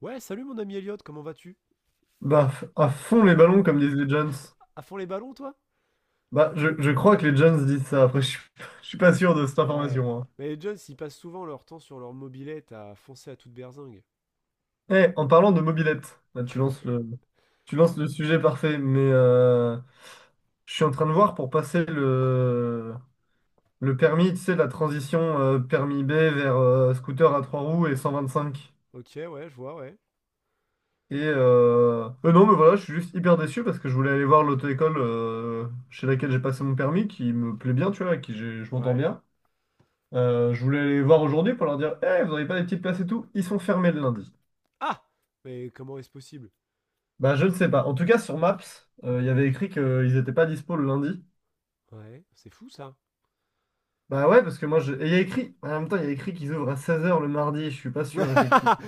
Ouais, salut mon ami Elliot, comment vas-tu? À fond les ballons, comme disent les Jones. À fond les ballons, toi? Je crois que les Jones disent ça. Après, je suis pas sûr de cette Ouais. information, hein. Mais les Jones, ils passent souvent leur temps sur leur mobilette à foncer à toute berzingue. Eh, en parlant de mobilette, là, tu lances le sujet parfait, mais je suis en train de voir pour passer le permis, tu sais, la transition permis B vers scooter à trois roues et 125. Ok, ouais, je vois, ouais. Non, mais voilà, je suis juste hyper déçu parce que je voulais aller voir l'auto-école chez laquelle j'ai passé mon permis, qui me plaît bien, tu vois, avec qui je m'entends Ouais. bien. Je voulais les voir aujourd'hui pour leur dire, eh, vous n'avez pas des petites places et tout? Ils sont fermés le lundi. Ah! Mais comment est-ce possible? Bah je ne sais pas. En tout cas sur Maps, il y avait écrit qu'ils n'étaient pas dispo le lundi. Ouais, c'est fou ça. Bah ouais, parce que moi je. Et il y a écrit. En même temps, il y a écrit qu'ils ouvrent à 16 heures le mardi, je suis pas sûr, effectivement.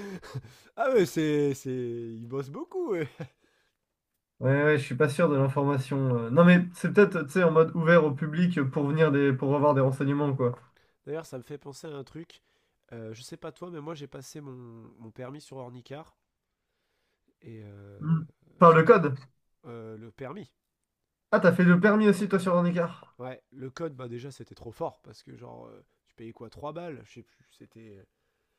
Ah ouais, ils bossent beaucoup, ouais. Ouais, ouais, je suis pas sûr de l'information, non mais c'est peut-être, tu sais, en mode ouvert au public pour venir des. Pour avoir des renseignements, quoi. D'ailleurs, ça me fait penser à un truc. Je sais pas toi, mais moi j'ai passé mon permis sur Ornicar. Et euh, Hmm. Par le c'était... code. Le permis. Ah, t'as fait le permis aussi toi sur un écart. Ouais, le code, bah déjà, c'était trop fort parce que, genre, tu payais quoi 3 balles. Je sais plus, c'était.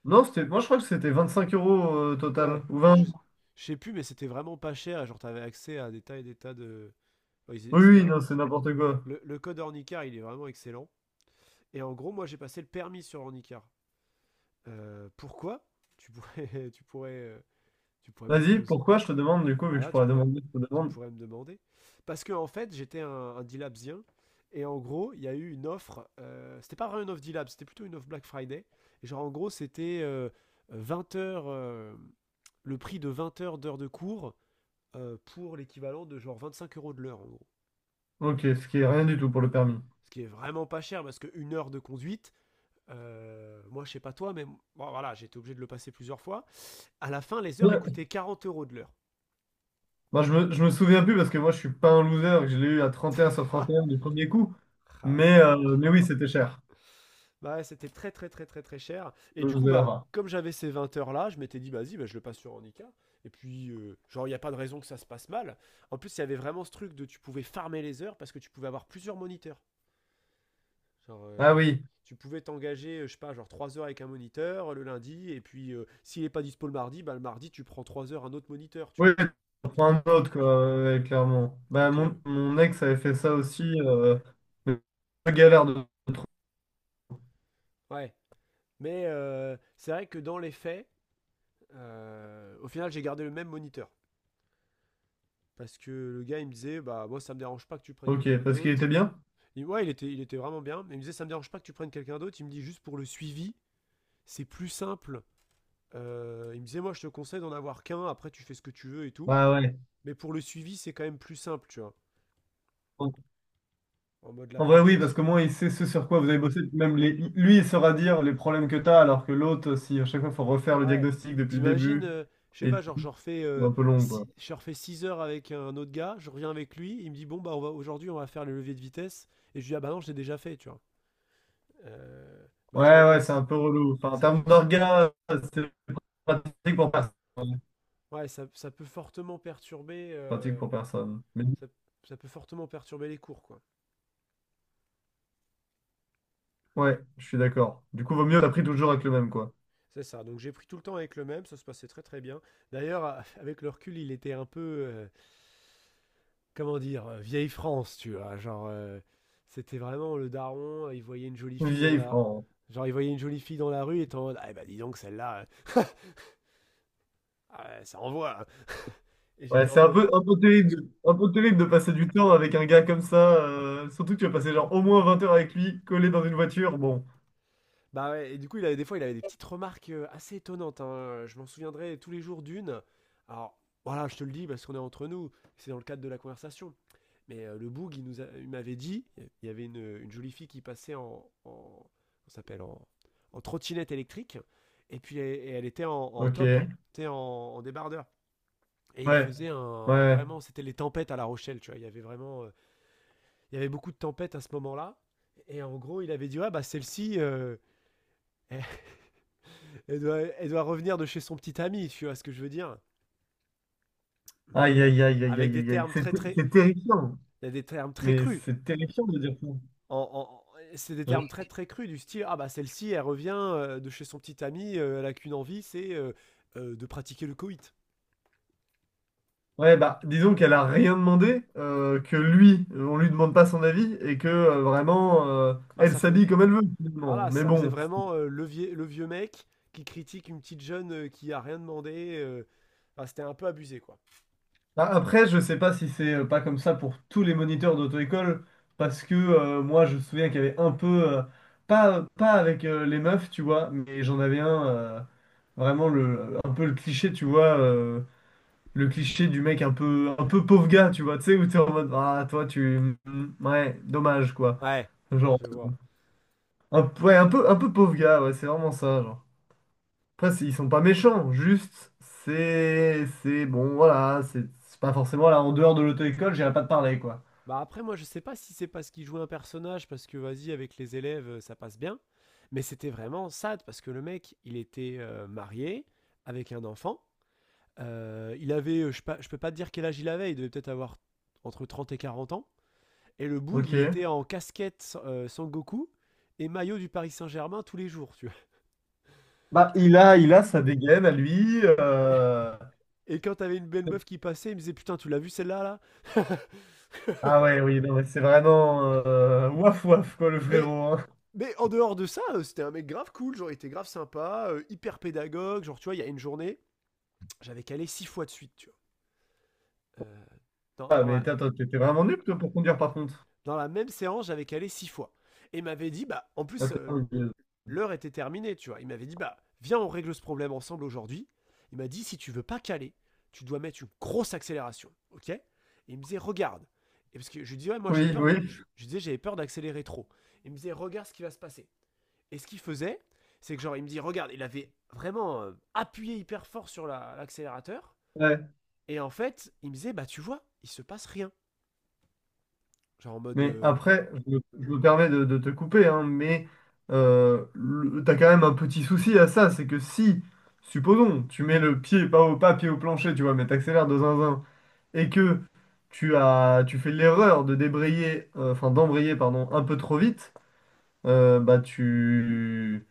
Non, c'était. Moi je crois que c'était 25 euros total. Ouais, Ou 20. je je sais plus, mais c'était vraiment pas cher et genre, t'avais accès à des tas et des tas de. Ouais, Oui, c'était... oui, non, c'est n'importe quoi. Le code Ornicar, il est vraiment excellent. Et en gros, moi, j'ai passé le permis sur Ornicar. Pourquoi tu pourrais, tu pourrais me Vas-y, poser, pourquoi je te demande, du coup, vu que je voilà, tu pourrais pourrais, demander, je te tu demande. pourrais me demander. Parce que en fait, j'étais un D-Labsien. Et en gros, il y a eu une offre. C'était pas vraiment une offre D-Lab, c'était plutôt une offre Black Friday. Et genre, en gros, c'était 20 heures. Le prix de 20 heures d'heures de cours pour l'équivalent de genre 25 euros de l'heure, en gros. Ok, ce qui est rien du tout pour le permis. Ce qui est vraiment pas cher parce qu'une heure de conduite. Moi, je sais pas toi, mais bon, voilà, j'ai été obligé de le passer plusieurs fois. À la fin, les heures elles Ouais. coûtaient 40 euros de l'heure. Moi, je me souviens plus parce que moi, je suis pas un loser, que je l'ai eu à 31/31 du premier coup. Ah, c'est Mais, fort. euh, mais oui, c'était cher. Bah, ouais, c'était très très très très très cher. Et du coup, bah, Loser. comme j'avais ces 20 heures là, je m'étais dit, vas-y, bah, je le passe sur Handicap. Et puis, genre, il n'y a pas de raison que ça se passe mal. En plus, il y avait vraiment ce truc de tu pouvais farmer les heures parce que tu pouvais avoir plusieurs moniteurs. Genre, Ah oui. tu pouvais t'engager, je sais pas, genre 3 heures avec un moniteur le lundi. Et puis, s'il n'est pas dispo le mardi, bah, le mardi, tu prends 3 heures un autre moniteur, tu Oui, vois. on prend un autre, quoi, ouais, clairement. Bah, Donc, mon, mon ex avait fait ça aussi. Mais galère de. ouais. Mais c'est vrai que dans les faits, au final, j'ai gardé le même moniteur. Parce que le gars, il me disait, bah, moi, ça me dérange pas que tu prennes Ok, quelqu'un parce qu'il d'autre. était bien? Ouais, il était vraiment bien. Mais il me disait, ça me dérange pas que tu prennes quelqu'un d'autre. Il me dit, juste pour le suivi, c'est plus simple. Il me disait, moi, je te conseille d'en avoir qu'un. Après, tu fais ce que tu veux et tout. Bah ouais. Mais pour le suivi, c'est quand même plus simple, tu vois. En mode la En vrai, oui, parce que progression. moi, il sait ce sur quoi vous avez bossé. Lui, il saura dire les problèmes que tu as, alors que l'autre, si à chaque fois, il faut refaire le Ouais. diagnostic depuis le T'imagines, début, je sais et pas, genre, c'est un peu long, quoi. Je refais 6 heures avec un autre gars. Je reviens avec lui. Il me dit, bon, bah, aujourd'hui, on va faire les leviers de vitesse. Et je lui dis, ah, bah non, je l'ai déjà fait, tu vois. Bah, genre, en Ouais, mode. ouais, c'est un peu relou. Enfin, en Ça termes peut, d'orgas, c'est pratique pour personne. Ouais, ça peut fortement perturber, Pratique pour personne. Mais ça, les cours, quoi. ouais, je suis d'accord. Du coup, vaut mieux, t'as pris toujours avec le même, quoi. C'est ça. Donc j'ai pris tout le temps avec le même, ça se passait très très bien. D'ailleurs, avec le recul, il était un peu, comment dire, vieille France, tu vois. Genre, c'était vraiment le daron. Il voyait une jolie fille dans Vieille la, France. genre il voyait une jolie fille dans la rue, et était en mode, ah bah dis donc celle-là, ah, ça envoie, hein. Et Ouais, j'étais en c'est un mode, peu, un peu terrible, un peu terrible de passer du temps avec un gars comme ça, surtout que tu vas passer genre au moins 20 heures avec lui, collé dans une voiture. Bon, bah ouais, et du coup, il avait, des fois, il avait des petites remarques assez étonnantes, hein. Je m'en souviendrai tous les jours d'une. Alors, voilà, je te le dis parce qu'on est entre nous, c'est dans le cadre de la conversation. Mais le boug, il m'avait dit, il y avait une jolie fille qui passait en comment ça s'appelle, en trottinette électrique, et puis et elle était en top, ok. tu sais, en débardeur. Et Ouais, ouais. vraiment, c'était les tempêtes à La Rochelle, tu vois. Il y avait beaucoup de tempêtes à ce moment-là. Et en gros, il avait dit, ouais bah celle-ci, elle, elle doit revenir de chez son petit ami, tu vois ce que je veux dire. Mais Aïe, aïe, aïe, aïe, avec aïe, aïe, aïe. C'est ter- c'est terrifiant. des termes très Mais crus. c'est terrifiant de dire ça. En, en- c'est des Ouais, termes très très crus du style ah bah celle-ci elle revient de chez son petit ami, elle a qu'une envie, c'est de pratiquer le coït. ouais, bah, disons qu'elle a rien demandé, que lui, on lui demande pas son avis, et que vraiment, Bah elle ça fais- s'habille comme elle veut, finalement. voilà, Mais ça faisait bon. vraiment le vieux mec qui critique une petite jeune qui a rien demandé. Enfin, c'était un peu abusé quoi. Après, je sais pas si c'est pas comme ça pour tous les moniteurs d'auto-école, parce que moi, je me souviens qu'il y avait un peu. euh, pas avec les meufs, tu vois, mais j'en avais un. Vraiment un peu le cliché, tu vois. Le cliché du mec un peu pauvre gars, tu vois, tu sais, où t'es en mode, ah, toi, tu. Mm, ouais, dommage, quoi. Ouais, Genre, je vois. Ouais, un peu pauvre gars, ouais, c'est vraiment ça, genre. Après, ils sont pas méchants, juste, c'est. C'est bon, voilà, c'est pas forcément là, en dehors de l'auto-école, j'irai pas te parler, quoi. Bah après, moi, je sais pas si c'est parce qu'il jouait un personnage, parce que vas-y, avec les élèves, ça passe bien. Mais c'était vraiment sad, parce que le mec, il était marié, avec un enfant. Il avait, je peux pas te dire quel âge il avait, il devait peut-être avoir entre 30 et 40 ans. Et le Boog, Ok. il était en casquette Sangoku et maillot du Paris Saint-Germain tous les jours, tu vois. Bah, il a sa dégaine à lui, Et quand t'avais une belle meuf qui passait, il me disait: Putain, tu l'as vu celle-là, là? ah ouais, oui, non, mais c'est vraiment, waf waf, quoi, le Mais. frérot, hein. En dehors de ça, c'était un mec grave cool, genre il était grave sympa, hyper pédagogue, genre tu vois, il y a une journée, j'avais calé six fois de suite, tu vois. Dans, Ah, dans mais la, attends, t'étais vraiment nul, toi, pour conduire, par contre. Dans la même séance, j'avais calé six fois. Et il m'avait dit, bah, en Ah, plus, t'es un vieux. l'heure était terminée, tu vois. Il m'avait dit, bah, viens, on règle ce problème ensemble aujourd'hui. Il m'a dit, si tu veux pas caler, tu dois mettre une grosse accélération, ok. Et il me disait, regarde. Et parce que je lui disais, ouais, moi, j'ai Oui, peur, oui. je disais, j'avais peur d'accélérer trop. Il me disait, regarde ce qui va se passer. Et ce qu'il faisait, c'est que genre, il me dit, regarde, il avait vraiment appuyé hyper fort sur l'accélérateur. Ouais. Et en fait, il me disait, bah tu vois, il se passe rien. Genre en mode, Mais après, je me permets de te couper, hein, mais t'as quand même un petit souci à ça, c'est que si, supposons, tu mets le pied, pas au pas, pied au plancher, tu vois, mais t'accélères de zinzin, et que tu fais l'erreur de débrayer, enfin d'embrayer, pardon, un peu trop vite, bah tu,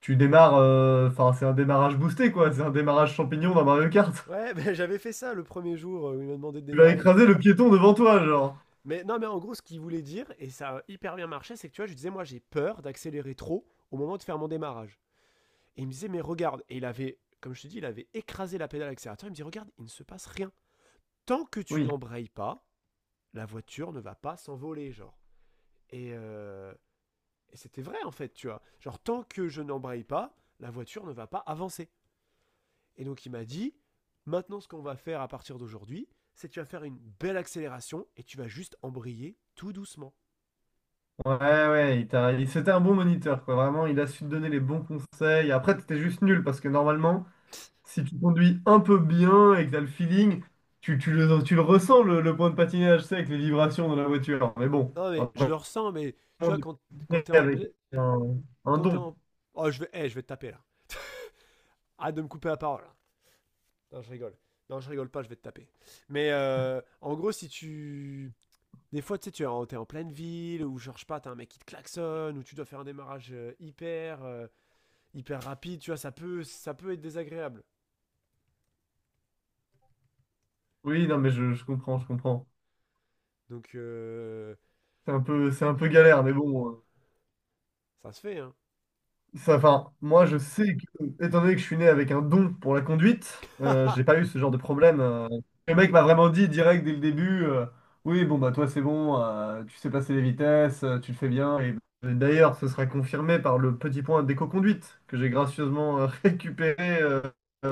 tu démarres, enfin c'est un démarrage boosté, quoi, c'est un démarrage champignon dans Mario Kart. ouais, bah, j'avais fait ça le premier jour où il m'a demandé de Tu vas démarrer. écraser le piéton devant toi, genre. Mais non, mais en gros, ce qu'il voulait dire, et ça a hyper bien marché, c'est que tu vois, je lui disais, moi j'ai peur d'accélérer trop au moment de faire mon démarrage. Et il me disait, mais regarde, et il avait, comme je te dis, il avait écrasé la pédale accélérateur, il me dit, regarde, il ne se passe rien. Tant que tu Oui. n'embrayes pas, la voiture ne va pas s'envoler, genre. Et, euh, et c'était vrai, en fait, tu vois. Genre, tant que je n'embraye pas, la voiture ne va pas avancer. Et donc il m'a dit, maintenant ce qu'on va faire à partir d'aujourd'hui, c'est que tu vas faire une belle accélération et tu vas juste embrayer tout doucement. Ouais, ouais, c'était un bon moniteur, quoi. Vraiment, il a su te donner les bons conseils. Après, t'étais juste nul parce que normalement, si tu conduis un peu bien et que t'as le feeling, tu le ressens le point de patinage, c'est avec les vibrations dans la voiture. Mais bon, Non mais je après, le ressens, mais tu on vois, quand t'es est en... avec un, un Quand t'es don. en... Oh, je vais te taper là. Arrête de me couper la parole, là. Non, je rigole. Non, je rigole pas, je vais te taper. Mais en gros, si tu... Des fois, tu sais, t'es en pleine ville, ou genre, je sais pas, t'as un mec qui te klaxonne, ou tu dois faire un démarrage hyper rapide, tu vois, ça peut être désagréable. Oui, non, mais je comprends, je comprends. Donc, C'est un peu galère, mais bon, ça se fait, hein. ça, enfin, moi, je sais que, étant donné que je suis né avec un don pour la conduite, j'ai pas eu ce genre de problème, le mec m'a vraiment dit direct dès le début, oui, bon, bah toi, c'est bon, tu sais passer les vitesses, tu le fais bien. Et bah, d'ailleurs, ce sera confirmé par le petit point d'éco-conduite que j'ai gracieusement récupéré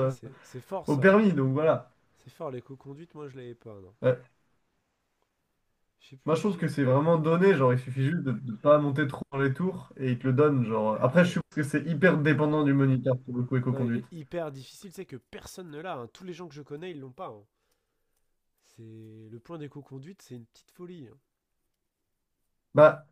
Ah, c'est fort au ça. permis. Donc voilà. C'est fort, l'éco-conduite, moi je l'avais pas. Non. Euh, Je sais Moi, je plus, trouve j'ai. que c'est vraiment donné. Genre, il suffit juste de ne pas monter trop dans les tours et il te le donne. Genre, Ah après, je ouais. suppose que c'est hyper dépendant du moniteur pour le coup Non, il éco-conduite. est hyper difficile, c'est que personne ne l'a, hein. Tous les gens que je connais, ils l'ont pas, hein. C'est le point d'éco-conduite, c'est une petite folie, hein. Bah.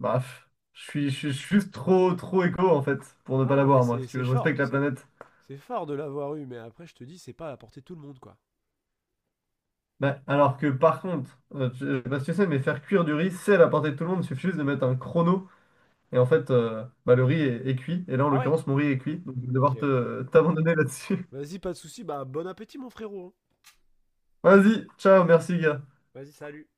Bah, pff, je suis juste trop, trop éco en fait, pour ne pas Non, mais l'avoir, moi. c'est Si tu c'est veux, je fort, respecte la c'est planète. c'est fort de l'avoir eu, mais après je te dis, c'est pas à portée de tout le monde quoi. Bah, alors que par contre, je sais pas si tu sais, mais faire cuire du riz, c'est à la portée de tout le monde. Il suffit juste de mettre un chrono. Et en fait, bah, le riz est cuit. Et là, en Ah ouais. l'occurrence, mon riz est cuit. Donc, je vais Ok. devoir t'abandonner là-dessus. Vas-y, pas de souci. Bah bon appétit mon frérot, hein. Vas-y, ciao, merci, gars. Vas-y, salut.